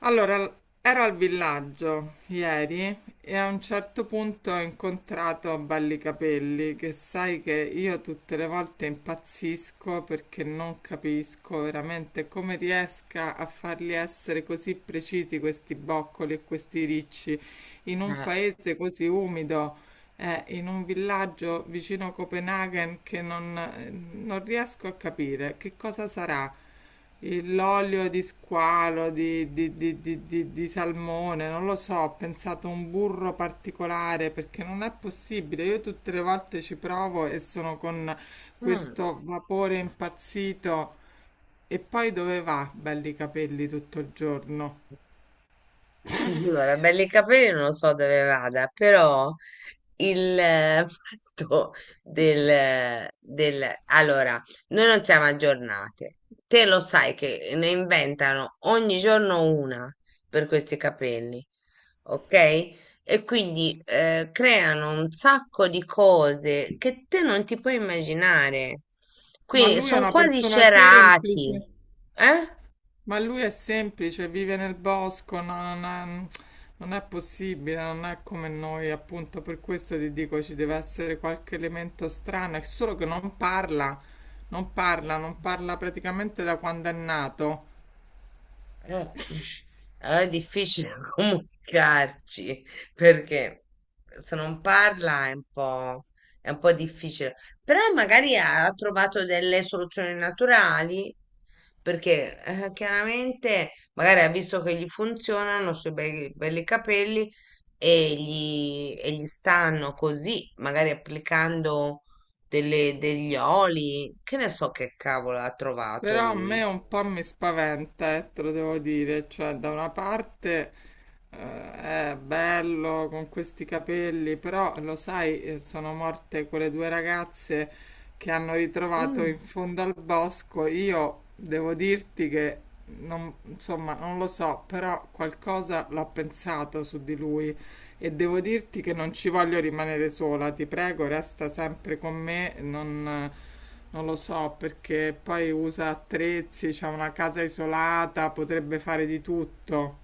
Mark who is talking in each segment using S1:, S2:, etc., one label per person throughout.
S1: Allora, ero al villaggio ieri e a un certo punto ho incontrato Ballicapelli, che sai che io tutte le volte impazzisco perché non capisco veramente come riesca a farli essere così precisi questi boccoli e questi ricci in un
S2: Eh,
S1: paese così umido. In un villaggio vicino a Copenaghen che non non riesco a capire che cosa sarà l'olio di squalo, di salmone, non lo so, ho pensato a un burro particolare perché non è possibile. Io tutte le volte ci provo e sono con
S2: mm.
S1: questo vapore impazzito. E poi dove va? Belli capelli tutto il giorno.
S2: Allora, belli capelli non lo so dove vada, però il fatto del... Allora, noi non siamo aggiornate. Te lo sai che ne inventano ogni giorno una per questi capelli, ok? E quindi creano un sacco di cose che te non ti puoi immaginare.
S1: Ma
S2: Quindi
S1: lui è
S2: sono
S1: una
S2: quasi
S1: persona
S2: cerati,
S1: semplice.
S2: eh?
S1: Ma lui è semplice, vive nel bosco, non è, non è possibile, non è come noi, appunto, per questo ti dico ci deve essere qualche elemento strano, è solo che non parla, non parla, non parla praticamente da quando è nato.
S2: Eh, allora è difficile comunicarci perché se non parla è un è un po' difficile, però magari ha trovato delle soluzioni naturali perché chiaramente magari ha visto che gli funzionano sui belli capelli e gli stanno così, magari applicando degli oli, che ne so che cavolo ha trovato
S1: Però a me
S2: lui.
S1: un po' mi spaventa, te lo devo dire, cioè da una parte eh, è bello con questi capelli, però lo sai, sono morte quelle due ragazze che hanno ritrovato in
S2: Mm.
S1: fondo al bosco. Io devo dirti che, non, insomma, non lo so, però qualcosa l'ho pensato su di lui e devo dirti che non ci voglio rimanere sola, ti prego, resta sempre con me, non... Non lo so, perché poi usa attrezzi, c'ha una casa isolata, potrebbe fare di tutto.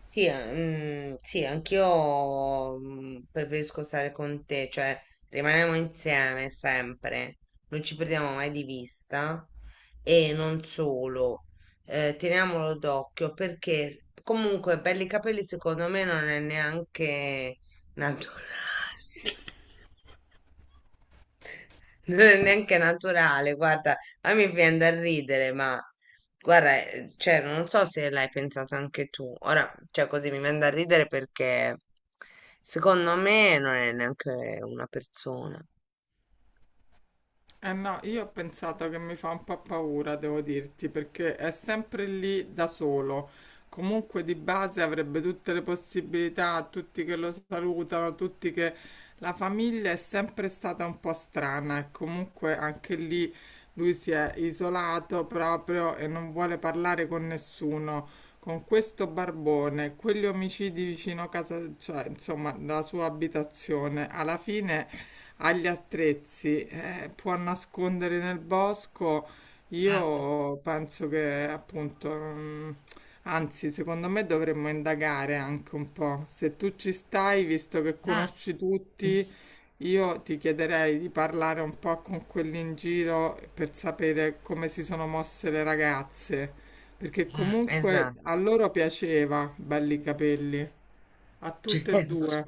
S2: Sì, sì, anch'io preferisco stare con te, cioè rimaniamo insieme sempre, non ci perdiamo mai di vista e non solo, teniamolo d'occhio perché comunque per i capelli secondo me non è neanche naturale. Non è neanche naturale, guarda, a me viene da ridere, ma guarda, cioè, non so se l'hai pensato anche tu. Ora, cioè, così mi viene da ridere perché secondo me non è neanche una persona.
S1: Eh no, io ho pensato che mi fa un po' paura, devo dirti, perché è sempre lì da solo. Comunque di base avrebbe tutte le possibilità, tutti che lo salutano, tutti che... La famiglia è sempre stata un po' strana e comunque anche lì lui si è isolato proprio e non vuole parlare con nessuno. Con questo barbone, quegli omicidi vicino a casa, cioè insomma, la sua abitazione, alla fine agli attrezzi, può nascondere nel bosco.
S2: Mm,
S1: Io penso che appunto, anzi, secondo me dovremmo indagare anche un po'. Se tu ci stai, visto che
S2: mm,
S1: conosci tutti, io ti chiederei di parlare un po' con quelli in giro per sapere come si sono mosse le ragazze, perché comunque a
S2: Esatto,
S1: loro piaceva, belli capelli, a tutte e
S2: certo.
S1: due.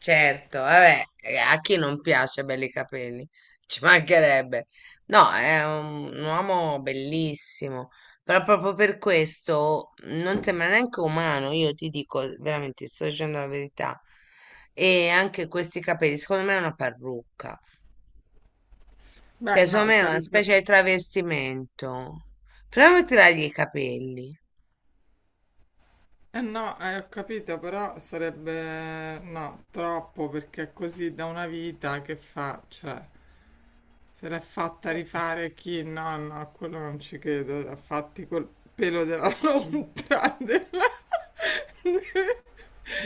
S2: Certo, vabbè, a chi non piace belli capelli? Ci mancherebbe. No, è un uomo bellissimo, però proprio per questo non sembra neanche umano, io ti dico veramente, ti sto dicendo la verità. E anche questi capelli, secondo me è una parrucca,
S1: Beh,
S2: cioè
S1: no,
S2: secondo me è una
S1: sarebbe...
S2: specie di travestimento. Proviamo a tirargli i capelli.
S1: Eh no, ho capito, però sarebbe no, troppo perché è così da una vita che fa, cioè, se l'è fatta
S2: Eh,
S1: rifare chi? No, no, a quello non ci credo, l'ha fatti col pelo della lontra, della,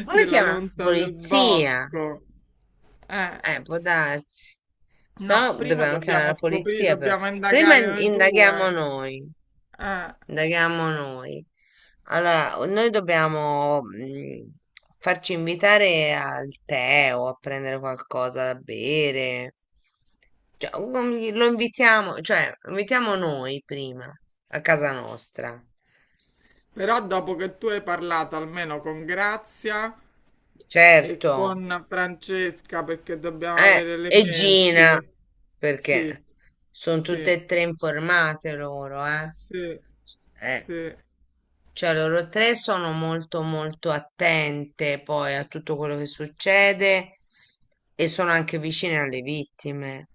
S2: Come
S1: della
S2: chiama?
S1: lontra del
S2: Polizia.
S1: bosco. Eh,
S2: Può darsi.
S1: no,
S2: So,
S1: prima
S2: dobbiamo chiamare
S1: dobbiamo
S2: la
S1: scoprire,
S2: polizia però.
S1: dobbiamo
S2: Prima
S1: indagare noi
S2: indaghiamo
S1: due.
S2: noi.
S1: Eh,
S2: Indaghiamo noi. Allora, noi dobbiamo farci invitare al tè o a prendere qualcosa da bere. Cioè, o lo invitiamo, cioè, invitiamo noi prima a casa nostra.
S1: però dopo che tu hai parlato almeno con Grazia. E
S2: Certo.
S1: con Francesca perché dobbiamo
S2: Eh,
S1: avere
S2: e Gina,
S1: elementi. Sì,
S2: perché sono tutte
S1: sì,
S2: e tre informate loro, eh.
S1: sì,
S2: Eh,
S1: sì,
S2: cioè loro tre sono molto molto attente poi a tutto quello che succede e sono anche vicine alle vittime.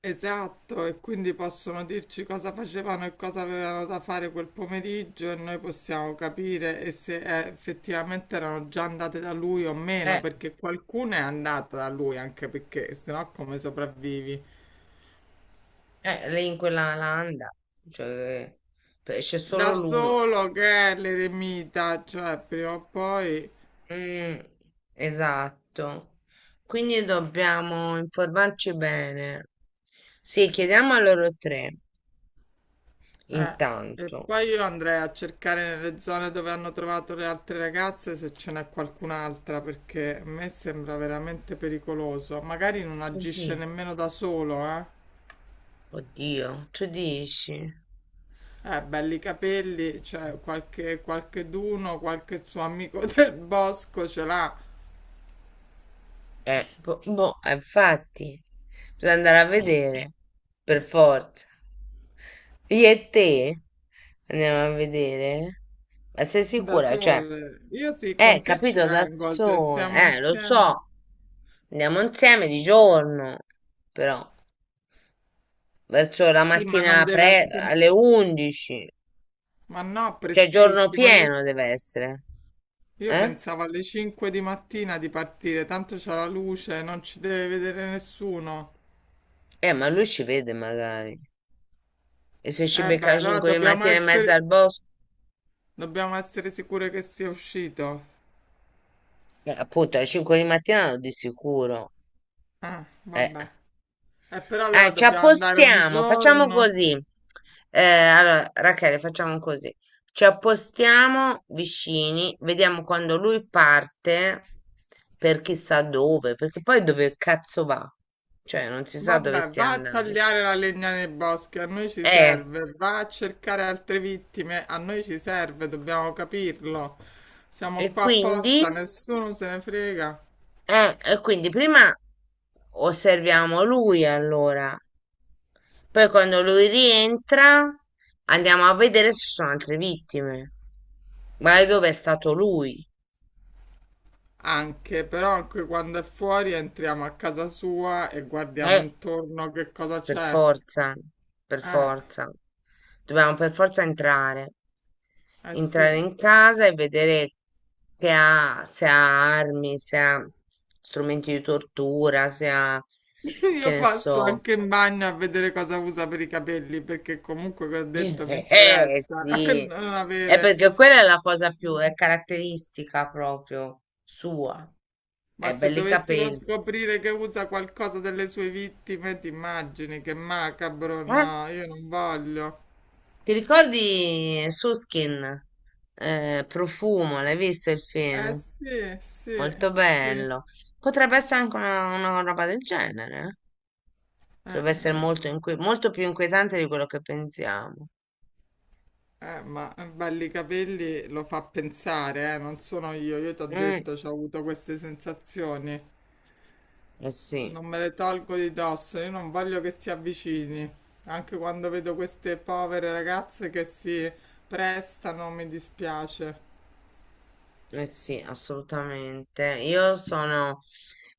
S1: esatto. E quindi possono dirci cosa facevano e cosa avevano da fare quel pomeriggio e noi possiamo capire e se effettivamente erano già andate da lui o meno,
S2: Eh,
S1: perché qualcuno è andata da lui anche perché sennò come sopravvivi?
S2: lei in quella landa, cioè, c'è solo
S1: Da
S2: lui.
S1: solo che è l'eremita, cioè prima o poi.
S2: Mm, esatto. Quindi dobbiamo informarci bene. Sì, chiediamo a loro tre.
S1: Eh, e
S2: Intanto,
S1: poi io andrei a cercare nelle zone dove hanno trovato le altre ragazze se ce n'è qualcun'altra, perché a me sembra veramente pericoloso. Magari non
S2: tu di
S1: agisce nemmeno da solo, eh.
S2: oddio, tu dici?
S1: Belli capelli, cioè qualche, qualche d'uno, qualche suo amico del bosco ce l'ha
S2: Boh, boh, infatti, bisogna andare a vedere, per forza. Io e te andiamo a vedere? Ma sei
S1: da
S2: sicura? Cioè,
S1: sole. Io sì, con te ci
S2: capito, da
S1: vengo, se
S2: sole,
S1: stiamo
S2: lo
S1: insieme.
S2: so, andiamo insieme di giorno, però, verso la
S1: Sì, ma non
S2: mattina
S1: deve
S2: pre
S1: essere...
S2: alle 11,
S1: Ma no,
S2: cioè giorno
S1: prestissimo.
S2: pieno deve essere,
S1: Io
S2: eh?
S1: pensavo alle 5 di mattina di partire, tanto c'è la luce, non ci deve vedere nessuno.
S2: Ma lui ci vede magari. E se ci
S1: Eh
S2: becca
S1: beh,
S2: alle
S1: allora
S2: 5 di mattina in mezzo al bosco?
S1: dobbiamo essere sicure che sia uscito.
S2: Appunto, alle 5 di mattina no, di sicuro. Eh,
S1: Vabbè. Però allora
S2: Ci
S1: dobbiamo andare un
S2: appostiamo, facciamo
S1: giorno.
S2: così. Allora, Rachele, facciamo così. Ci appostiamo vicini, vediamo quando lui parte per chissà dove, perché poi dove cazzo va? Cioè, non si sa dove
S1: Vabbè,
S2: stia
S1: va a
S2: andando.
S1: tagliare la legna nei boschi, a noi ci
S2: Eh,
S1: serve. Va a cercare altre vittime, a noi ci serve, dobbiamo capirlo.
S2: e
S1: Siamo qua
S2: quindi...
S1: apposta, nessuno se ne frega.
S2: E quindi prima osserviamo lui allora, poi quando lui rientra andiamo a vedere se ci sono altre vittime. Ma dove è stato lui?
S1: Anche, però anche quando è fuori entriamo a casa sua e guardiamo
S2: Eh,
S1: intorno che cosa
S2: per
S1: c'è.
S2: forza, per
S1: Eh,
S2: forza. Dobbiamo per forza entrare.
S1: eh
S2: Entrare
S1: sì.
S2: in casa e vedere che ha, se ha armi, se ha strumenti di tortura, se ha, che
S1: Io
S2: ne
S1: passo
S2: so,
S1: anche in bagno a vedere cosa usa per i capelli, perché comunque, come ho detto, mi
S2: Eh,
S1: interessa
S2: sì,
S1: non
S2: è
S1: avere...
S2: perché quella è la cosa più, è caratteristica proprio sua,
S1: Ma
S2: è
S1: se
S2: belli
S1: dovessimo
S2: capelli.
S1: scoprire che usa qualcosa delle sue vittime, ti immagini che macabro?
S2: Eh?
S1: No, io non voglio.
S2: Ti ricordi Suskin? Profumo, l'hai visto il
S1: Eh
S2: film?
S1: sì, sì,
S2: Molto
S1: sì.
S2: bello. Potrebbe essere anche una roba del genere, eh. Potrebbe essere molto, molto più inquietante di quello che pensiamo.
S1: Ma belli capelli lo fa pensare, non sono io ti ho
S2: Mm,
S1: detto, ho avuto queste sensazioni,
S2: eh sì.
S1: non me le tolgo di dosso, io non voglio che si avvicini, anche quando vedo queste povere ragazze che si prestano, mi dispiace.
S2: Eh sì, assolutamente. Io sono...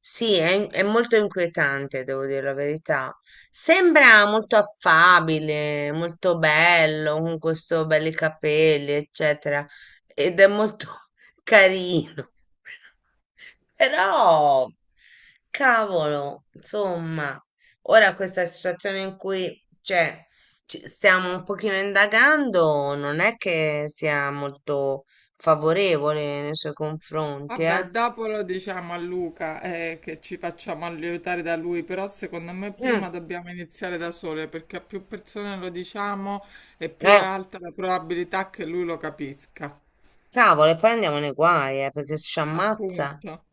S2: Sì, è molto inquietante, devo dire la verità. Sembra molto affabile, molto bello, con questo belli capelli, eccetera. Ed è molto carino. Però, cavolo, insomma, ora questa situazione in cui, cioè, ci stiamo un pochino indagando, non è che sia molto favorevole nei suoi confronti, eh?
S1: Vabbè, dopo lo diciamo a Luca, che ci facciamo aiutare da lui, però secondo me
S2: Mm,
S1: prima dobbiamo iniziare da sole, perché a più persone lo diciamo e più è
S2: eh,
S1: alta la probabilità che lui lo capisca.
S2: cavolo, e poi andiamo nei guai, perché se ci ammazza,
S1: Appunto.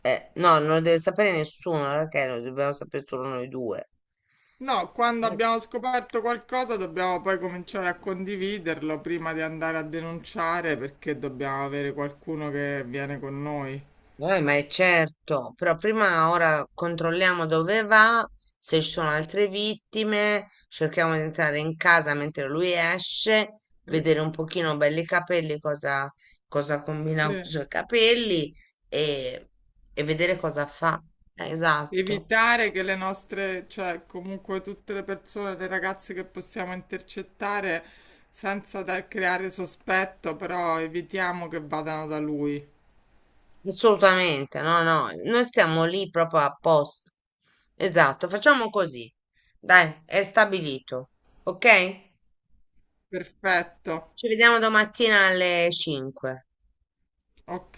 S2: no, non lo deve sapere nessuno, perché lo dobbiamo sapere solo noi due.
S1: No, quando abbiamo scoperto qualcosa dobbiamo poi cominciare a condividerlo prima di andare a denunciare perché dobbiamo avere qualcuno che viene con noi.
S2: Ma è certo, però prima ora controlliamo dove va, se ci sono altre vittime, cerchiamo di entrare in casa mentre lui esce,
S1: Eh,
S2: vedere un pochino belli i capelli, cosa combina con i
S1: sì.
S2: suoi capelli e, e vedere cosa fa. Esatto,
S1: Evitare che le nostre, cioè comunque tutte le persone, le ragazze che possiamo intercettare senza creare sospetto, però evitiamo che vadano da lui.
S2: assolutamente, no, no, noi stiamo lì proprio apposta. Esatto, facciamo così. Dai, è stabilito, ok?
S1: Perfetto,
S2: Ci vediamo domattina alle 5.
S1: ok.